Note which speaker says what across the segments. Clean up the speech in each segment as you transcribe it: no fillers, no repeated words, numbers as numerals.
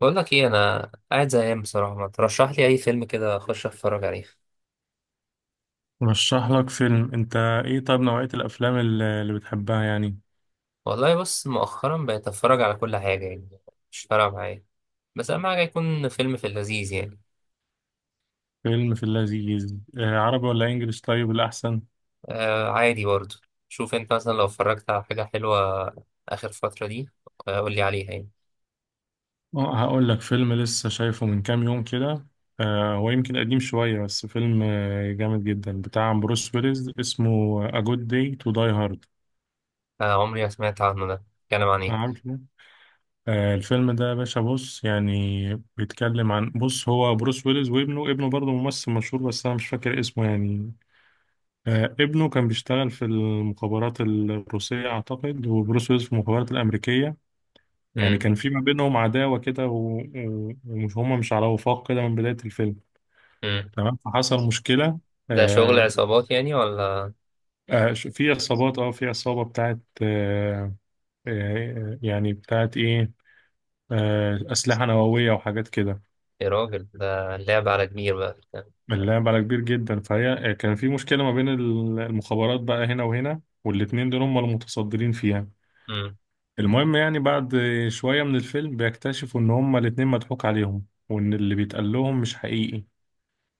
Speaker 1: بقول لك ايه، انا قاعد زهقان بصراحه. ما ترشح لي اي فيلم كده اخش اتفرج عليه.
Speaker 2: رشح لك فيلم انت. ايه، طيب نوعية الافلام اللي بتحبها يعني؟
Speaker 1: والله بص، مؤخرا بقيت اتفرج على كل حاجه يعني. مش فارقه معايا. بس اهم حاجه يكون فيلم في اللذيذ يعني.
Speaker 2: فيلم في اللذيذ، عربي ولا انجليش طيب الاحسن؟
Speaker 1: آه عادي برضه. شوف انت، مثلا لو اتفرجت على حاجه حلوه اخر فتره دي. قول لي عليها يعني.
Speaker 2: اه هقول لك فيلم لسه شايفه من كام يوم كده. هو يمكن قديم شوية، بس فيلم جامد جدا بتاع بروس ويلز اسمه A Good Day to Die Hard.
Speaker 1: آه، عمري ما سمعت عنه. ده بيتكلم عن ايه؟
Speaker 2: عارفه؟ الفيلم ده يا باشا، بص يعني بيتكلم عن، بص هو بروس ويلز وابنه، ابنه برضه ممثل مشهور بس انا مش فاكر اسمه يعني. ابنه كان بيشتغل في المخابرات الروسية أعتقد، وبروس ويلز في المخابرات الأمريكية. يعني
Speaker 1: امم
Speaker 2: كان في ما بينهم عداوة كده، و- و- ومش، هما مش على وفاق كده من بداية الفيلم.
Speaker 1: امم
Speaker 2: تمام، فحصل مشكلة.
Speaker 1: ده شغل
Speaker 2: آه،
Speaker 1: عصابات يعني ولا؟
Speaker 2: في عصابات، اه في عصابة بتاعت آه، يعني بتاعت إيه، أسلحة نووية وحاجات كده.
Speaker 1: يا راجل، ده لعب على كبير بقى.
Speaker 2: اللعب على كبير جدا، فهي كان في مشكلة ما بين المخابرات بقى هنا وهنا، والاتنين دول هما المتصدرين فيها.
Speaker 1: امم
Speaker 2: المهم يعني بعد شوية من الفيلم بيكتشفوا إن هما الاتنين مضحوك عليهم، وإن اللي بيتقال لهم مش حقيقي.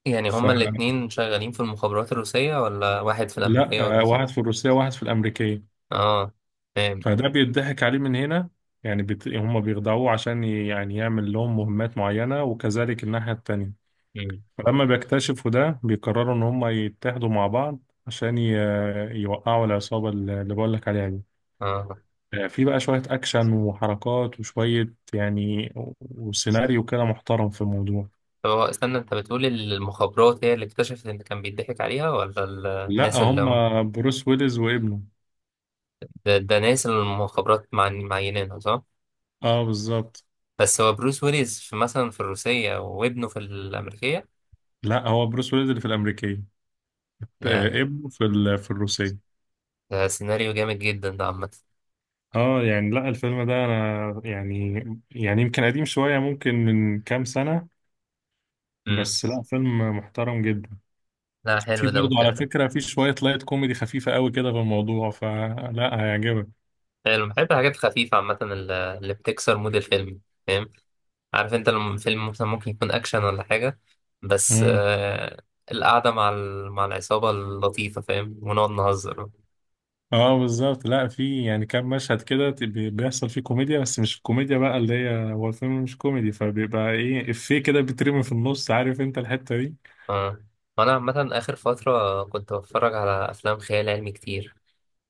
Speaker 1: يعني هما
Speaker 2: فلا،
Speaker 1: الاتنين شغالين في المخابرات الروسيه، ولا واحد في الامريكيه
Speaker 2: واحد
Speaker 1: والروسية؟
Speaker 2: في الروسية وواحد في الأمريكية.
Speaker 1: اه، فاهم.
Speaker 2: فده بيضحك عليه من هنا. يعني بت... هما بيخدعوه عشان ي... يعني يعمل لهم مهمات معينة، وكذلك الناحية التانية.
Speaker 1: مم.
Speaker 2: فلما بيكتشفوا ده بيقرروا إن هما يتحدوا مع بعض عشان ي... يوقعوا العصابة اللي بقولك عليها دي.
Speaker 1: اه،
Speaker 2: في بقى شوية أكشن وحركات وشوية، يعني و- وسيناريو كده محترم في الموضوع.
Speaker 1: طب هو استنى، انت بتقول المخابرات هي اللي اكتشفت ان كان بيضحك عليها، ولا
Speaker 2: لا،
Speaker 1: الناس اللي
Speaker 2: هم
Speaker 1: هم
Speaker 2: بروس ويلز وابنه.
Speaker 1: ده ناس اللي المخابرات معينينها، صح؟
Speaker 2: اه بالظبط.
Speaker 1: بس هو بروس ويلز في مثلا في الروسية، وابنه في الأمريكية؟
Speaker 2: لا، هو بروس ويلز اللي في الامريكيه،
Speaker 1: ده,
Speaker 2: ابنه في الروسيه.
Speaker 1: ده سيناريو جامد جدا ده عامة.
Speaker 2: اه يعني، لا الفيلم ده انا يعني، يعني يمكن قديم شويه، ممكن من كام سنه،
Speaker 1: مم.
Speaker 2: بس لا فيلم محترم جدا.
Speaker 1: لا
Speaker 2: في
Speaker 1: حلو ده،
Speaker 2: برضه
Speaker 1: ممكن
Speaker 2: على
Speaker 1: أشوف.
Speaker 2: فكره في شويه لايت كوميدي خفيفه قوي كده في الموضوع، فلا هيعجبك.
Speaker 1: حلو، بحب الحاجات الخفيفة عامة، اللي بتكسر مود الفيلم. فاهم؟ عارف انت لما فيلم مثلا ممكن يكون اكشن ولا حاجه، بس آه، القعده مع مع العصابه اللطيفه، فاهم، ونقعد نهزر.
Speaker 2: اه بالظبط. لا، في يعني كام مشهد كده ت- بي- بيحصل فيه كوميديا، بس مش الكوميديا بقى اللي هي، هو الفيلم مش كوميدي، فبيبقى ايه، افيه كده بيترمي في النص، عارف انت الحتة دي.
Speaker 1: اه، وانا عامه اخر فتره كنت بتفرج على افلام خيال علمي كتير.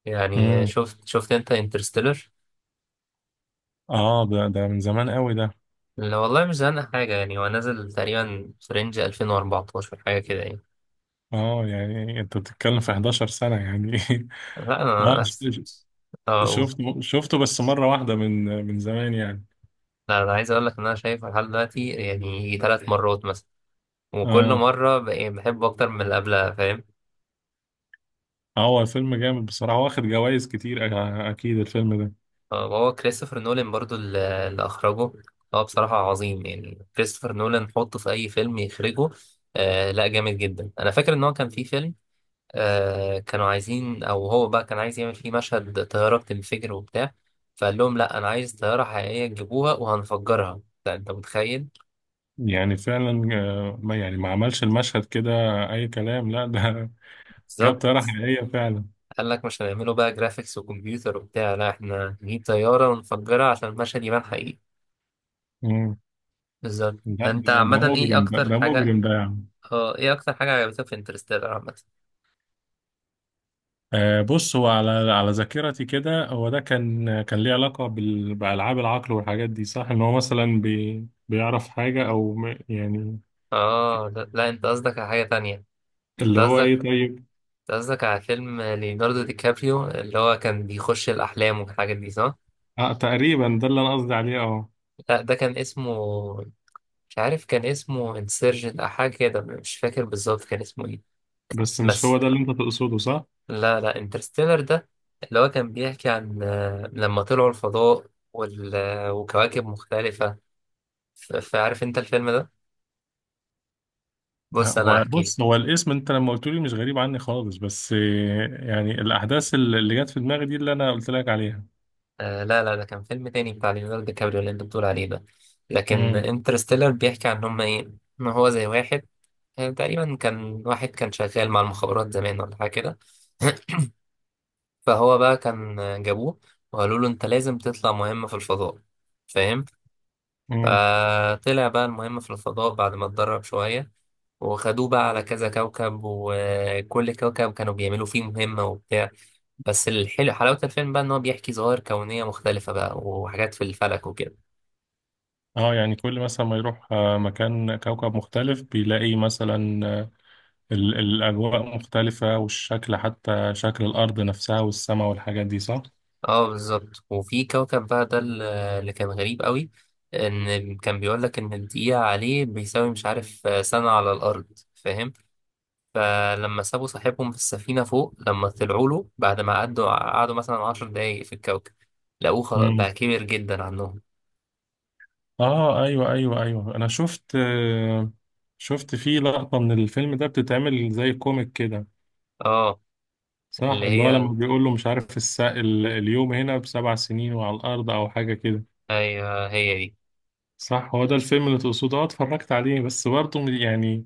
Speaker 1: يعني
Speaker 2: امم
Speaker 1: شفت انت انترستيلر؟
Speaker 2: اه، ده من زمان قوي ده.
Speaker 1: لا والله مش زهقان حاجه يعني. هو نازل تقريبا في رينج 2014 حاجه كده يعني.
Speaker 2: اه يعني انت بتتكلم في 11 سنة يعني.
Speaker 1: لا
Speaker 2: اه،
Speaker 1: انا، اه أوه.
Speaker 2: شفته بس مرة واحدة من زمان يعني.
Speaker 1: لا انا عايز اقول لك ان انا شايفه لحد دلوقتي يعني 3 مرات مثلا. وكل
Speaker 2: اه،
Speaker 1: مره بحبه اكتر من اللي قبلها، فاهم.
Speaker 2: هو الفيلم جامد بصراحة، واخد جوائز كتير أ-، اكيد الفيلم ده.
Speaker 1: آه، وهو كريستوفر نولان برضو اللي أخرجه. هو بصراحة عظيم يعني، كريستوفر نولان حطه في أي فيلم يخرجه. آه لا جامد جدا. أنا فاكر إن هو كان في فيلم، آه، كانوا عايزين، أو هو بقى كان عايز يعمل فيه مشهد طيارة بتنفجر وبتاع. فقال لهم لا، أنا عايز طيارة حقيقية تجيبوها وهنفجرها. ده أنت متخيل؟
Speaker 2: يعني فعلا، ما يعني، ما عملش المشهد كده اي كلام، لا ده جاب
Speaker 1: بالظبط.
Speaker 2: طيارة حقيقية فعلا.
Speaker 1: قال لك مش هنعمله بقى جرافيكس وكمبيوتر وبتاع، لا إحنا نجيب طيارة ونفجرها عشان المشهد يبان حقيقي.
Speaker 2: مم.
Speaker 1: بالظبط.
Speaker 2: لا
Speaker 1: انت
Speaker 2: ده،
Speaker 1: عامة ايه اكتر
Speaker 2: ده
Speaker 1: حاجة،
Speaker 2: مجرم ده يعني.
Speaker 1: اه، ايه اكتر حاجة عجبتك في انترستيلر عامة؟
Speaker 2: آه بص، هو على على ذاكرتي كده، هو ده كان، كان ليه علاقة بألعاب العقل والحاجات دي صح؟ إن هو مثلا بي بيعرف حاجة أو م- يعني.
Speaker 1: اه لا, انت قصدك على حاجة تانية. انت
Speaker 2: اللي هو
Speaker 1: قصدك
Speaker 2: إيه طيب.
Speaker 1: انت قصدك على فيلم ليوناردو دي كابريو اللي هو كان بيخش الأحلام والحاجات دي صح؟
Speaker 2: آه تقريبا ده اللي أنا قصدي عليه، أه.
Speaker 1: لا ده كان اسمه، مش عارف كان اسمه انسيرجن أو حاجة كده، مش فاكر بالظبط كان اسمه ايه.
Speaker 2: بس مش هو
Speaker 1: بس
Speaker 2: ده اللي أنت تقصده صح؟
Speaker 1: لا انترستيلر ده اللي هو كان بيحكي عن آه، لما طلعوا الفضاء وال... آه، وكواكب مختلفة. فعارف انت الفيلم ده؟ بص انا
Speaker 2: هو
Speaker 1: هحكي لك.
Speaker 2: بص، هو الاسم أنت لما قلت لي مش غريب عني خالص، بس يعني الأحداث اللي جت في دماغي دي اللي أنا قلت لك عليها.
Speaker 1: آه لا ده كان فيلم تاني بتاع ليوناردو دي كابريو اللي انت بتقول عليه ده. لكن انترستيلر بيحكي عن هم ايه، ان هو زي واحد، آه، تقريبا كان واحد كان شغال مع المخابرات زمان ولا حاجه كده. فهو بقى كان، آه، جابوه وقالوا له انت لازم تطلع مهمه في الفضاء، فاهم.
Speaker 2: مم.
Speaker 1: فطلع بقى المهمه في الفضاء بعد ما اتدرب شويه، وخدوه بقى على كذا كوكب، وكل كوكب كانوا بيعملوا فيه مهمة وبتاع. بس الحلو، حلاوة الفيلم بقى إن هو بيحكي ظواهر كونية مختلفة بقى وحاجات في الفلك وكده.
Speaker 2: اه يعني كل مثلا ما يروح مكان كوكب مختلف بيلاقي مثلا، ال- الأجواء مختلفة، والشكل، حتى شكل الأرض نفسها والسماء والحاجات دي صح؟
Speaker 1: اه بالظبط. وفي كوكب بقى ده اللي كان غريب قوي، ان كان بيقول لك ان الدقيقة عليه بيساوي مش عارف آه، سنة على الأرض، فاهم. فلما سابوا صاحبهم في السفينة فوق، لما طلعوا له بعد ما قعدوا مثلا 10 دقايق في الكوكب، لقوه خلاص
Speaker 2: مم.
Speaker 1: بقى كبير جدا عنهم.
Speaker 2: اه ايوه ايوه ايوه، انا شفت شفت فيه لقطة من الفيلم ده بتتعمل زي كوميك كده
Speaker 1: اه
Speaker 2: صح؟
Speaker 1: اللي
Speaker 2: اللي هو
Speaker 1: هي،
Speaker 2: لما بيقول له مش عارف الس... ال- اليوم هنا بسبع سنين وعلى الأرض أو حاجة كده.
Speaker 1: ايوه هي دي.
Speaker 2: صح، هو ده الفيلم اللي تقصده، اه اتفرجت عليه، بس برضه يعني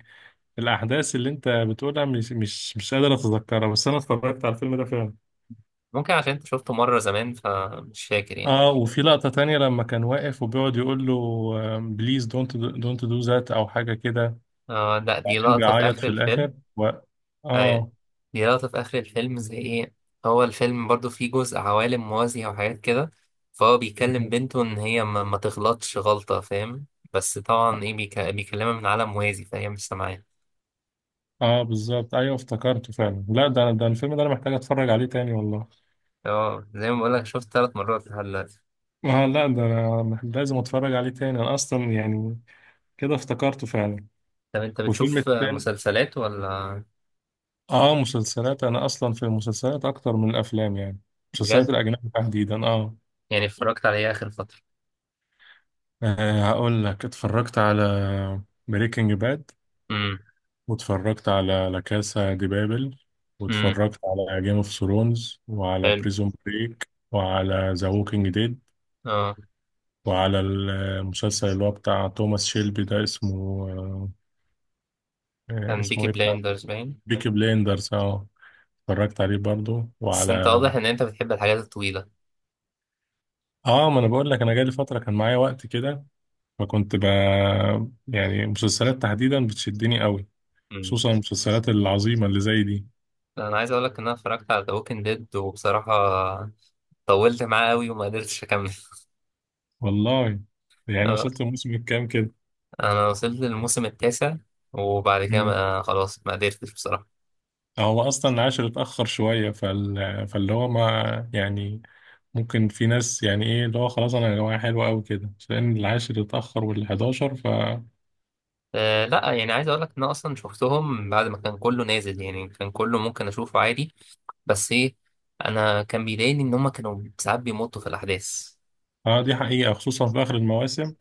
Speaker 2: الأحداث اللي أنت بتقولها مش قادر أتذكرها، بس أنا اتفرجت على الفيلم ده فعلا.
Speaker 1: ممكن عشان انت شفته مرة زمان فمش فاكر يعني.
Speaker 2: آه، وفي لقطة تانية لما كان واقف وبيقعد يقول له بليز دونت دو ذات أو حاجة كده،
Speaker 1: اه لا دي
Speaker 2: وبعدين
Speaker 1: لقطة في
Speaker 2: بيعيط
Speaker 1: آخر
Speaker 2: في
Speaker 1: الفيلم.
Speaker 2: الآخر و...
Speaker 1: أيوة.
Speaker 2: آه.
Speaker 1: دي لقطة في آخر الفيلم زي إيه. هو الفيلم برضو فيه جزء عوالم موازية وحاجات كده، فهو بيكلم بنته إن هي ما تغلطش غلطة، فاهم. بس طبعا إيه بيكلمها من عالم موازي فهي مش سامعاه.
Speaker 2: آه بالظبط، أيوه افتكرته فعلا، لا ده الفيلم ده أنا محتاج أتفرج عليه تاني والله.
Speaker 1: اه زي ما بقولك، شفت 3 مرات لحد دلوقتي.
Speaker 2: آه لا، ده أنا مح-، لازم أتفرج عليه تاني أنا أصلا يعني، كده افتكرته فعلا.
Speaker 1: طب أنت
Speaker 2: وفيلم
Speaker 1: بتشوف
Speaker 2: التاني،
Speaker 1: مسلسلات ولا؟
Speaker 2: آه مسلسلات أنا أصلا في المسلسلات أكتر من الأفلام يعني. المسلسلات
Speaker 1: بجد؟
Speaker 2: الأجنبي تحديدا، آه.
Speaker 1: يعني اتفرجت على إيه آخر فترة؟
Speaker 2: أه هقول لك اتفرجت على بريكنج باد،
Speaker 1: امم
Speaker 2: واتفرجت على لا كاسا دي بابل،
Speaker 1: امم
Speaker 2: واتفرجت على جيم اوف ثرونز وعلى
Speaker 1: حلو.
Speaker 2: بريزون بريك وعلى ذا ووكينج ديد،
Speaker 1: اه،
Speaker 2: وعلى المسلسل اللي هو بتاع توماس شيلبي ده اسمه أه،
Speaker 1: كان بيكي
Speaker 2: اسمه ايه بتاع،
Speaker 1: بلايندرز باين.
Speaker 2: بيكي بليندرز اه. اتفرجت عليه برضو،
Speaker 1: بس
Speaker 2: وعلى،
Speaker 1: أنت واضح إن أنت بتحب الحاجات الطويلة.
Speaker 2: اه ما انا بقول لك انا جالي فترة كان معايا وقت كده، فكنت ب، يعني مسلسلات تحديدا بتشدني قوي، خصوصا المسلسلات العظيمة اللي زي دي.
Speaker 1: انا عايز اقول لك ان انا اتفرجت على ذا ووكينج ديد، وبصراحه طولت معاه قوي وما قدرتش اكمل.
Speaker 2: والله، يعني
Speaker 1: آه،
Speaker 2: وصلت الموسم الكام كده؟
Speaker 1: انا وصلت للموسم التاسع وبعد كده
Speaker 2: مم.
Speaker 1: ما، خلاص ما قدرتش بصراحه.
Speaker 2: هو اصلا العاشر اتاخر شويه، فال... فاللي هو ما يعني، ممكن في ناس يعني ايه اللي هو خلاص انا يا جماعه حلوه قوي كده، بس لان العاشر اتاخر وال11 ف.
Speaker 1: أه لا، يعني عايز اقول لك ان انا اصلا شفتهم بعد ما كان كله نازل يعني، كان كله ممكن اشوفه عادي. بس ايه، انا كان بيضايقني ان هم كانوا ساعات بيمطوا في الاحداث.
Speaker 2: اه دي حقيقه، خصوصا في اخر المواسم.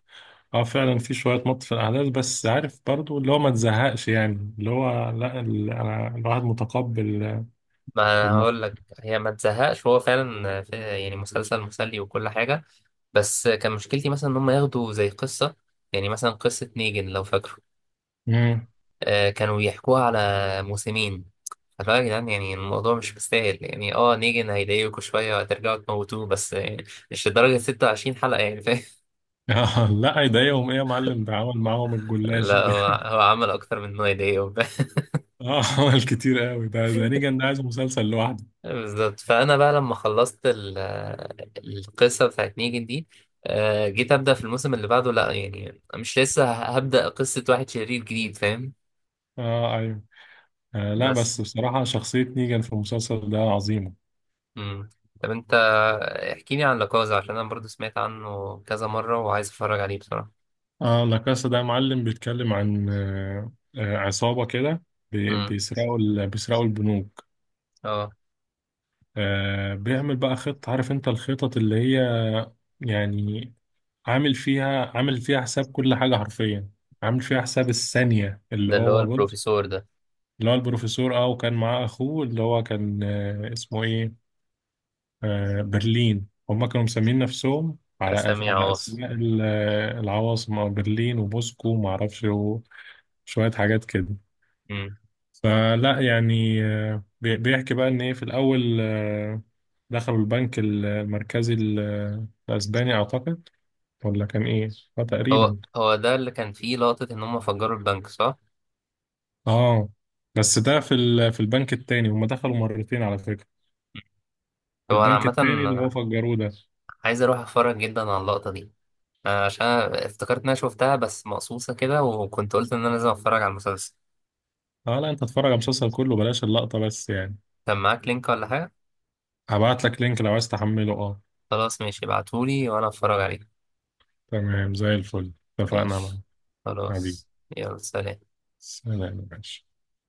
Speaker 2: اه فعلا في شويه مط في الاحداث، بس عارف برضو اللي هو ما تزهقش يعني اللي هو لا، ال... انا الواحد متقبل
Speaker 1: ما أنا
Speaker 2: الموضوع.
Speaker 1: هقول لك هي ما تزهقش، هو فعلا يعني مسلسل مسلي وكل حاجه. بس كان مشكلتي مثلا ان هم ياخدوا زي قصه، يعني مثلا قصه نيجن لو فاكره،
Speaker 2: مم.
Speaker 1: آه، كانوا بيحكوها على موسمين. فاللي هو يا جدعان، يعني الموضوع مش مستاهل. يعني اه نيجن هيضايقكوا شوية وهترجعوا تموتوه، بس يعني مش لدرجة 26 حلقة يعني، فاهم.
Speaker 2: لا يضايقهم ايه يا معلم، ده عمل معاهم الجلاشه
Speaker 1: لا هو
Speaker 2: ده.
Speaker 1: هو عمل أكتر من إنه يضايقهم.
Speaker 2: اه عمل كتير قوي ده، ده نيجان ده عايز مسلسل لوحده.
Speaker 1: بالظبط. فأنا بقى لما خلصت القصة بتاعت نيجن دي، آه، جيت أبدأ في الموسم اللي بعده، لا يعني مش لسه هبدأ قصة واحد شرير جديد، فاهم.
Speaker 2: اه ايوه، آه لا، بس
Speaker 1: بس
Speaker 2: بصراحة شخصية نيجان في المسلسل ده عظيمة.
Speaker 1: مم. طب انت احكي لي عن لاكازا، عشان انا برضو سمعت عنه كذا مرة وعايز اتفرج عليه بصراحة.
Speaker 2: اه لا كاسا ده معلم، بيتكلم عن آه، عصابة كده،
Speaker 1: امم
Speaker 2: بيسرقوا بيسرقوا البنوك.
Speaker 1: اه،
Speaker 2: آه بيعمل بقى خطة، عارف انت الخطط اللي هي يعني، عامل فيها عامل فيها حساب كل حاجة حرفيا، عامل فيها حساب الثانية، اللي
Speaker 1: ده اللي هو
Speaker 2: هو بص.
Speaker 1: البروفيسور ده.
Speaker 2: اللي هو البروفيسور اه، وكان معاه اخوه اللي هو كان آه اسمه ايه، برلين. هم كانوا مسمين نفسهم على أس...
Speaker 1: اسامي
Speaker 2: على
Speaker 1: عواصم.
Speaker 2: أسماء ال- العواصم، أو برلين وموسكو وما أعرفش وشوية حاجات كده.
Speaker 1: امم
Speaker 2: فلا يعني بي- بيحكي بقى إن إيه، في الأول دخلوا البنك ال- المركزي ال- الأسباني أعتقد، ولا كان إيه؟ آه
Speaker 1: هو
Speaker 2: تقريبا،
Speaker 1: هو ده اللي كان فيه لقطة ان هم فجروا البنك صح؟
Speaker 2: آه بس ده في ال... في البنك التاني، هم دخلوا مرتين على فكرة. في
Speaker 1: هو انا
Speaker 2: البنك التاني اللي هو
Speaker 1: عامة
Speaker 2: فجروه ده.
Speaker 1: عايز اروح اتفرج جدا على اللقطة دي، آه، عشان أنا افتكرت ان انا شفتها بس مقصوصة كده، وكنت قلت ان انا لازم اتفرج على المسلسل.
Speaker 2: اه لا، انت اتفرج على المسلسل كله بلاش اللقطة بس يعني.
Speaker 1: كان معاك لينك ولا حاجة؟
Speaker 2: هبعت لك لينك لو عايز تحمله، اه.
Speaker 1: خلاص ماشي، ابعتهولي وانا اتفرج عليه.
Speaker 2: تمام زي الفل، اتفقنا معاك.
Speaker 1: ماشي.
Speaker 2: حبيبي.
Speaker 1: خلاص. يلا سلام.
Speaker 2: سلام يا باشا.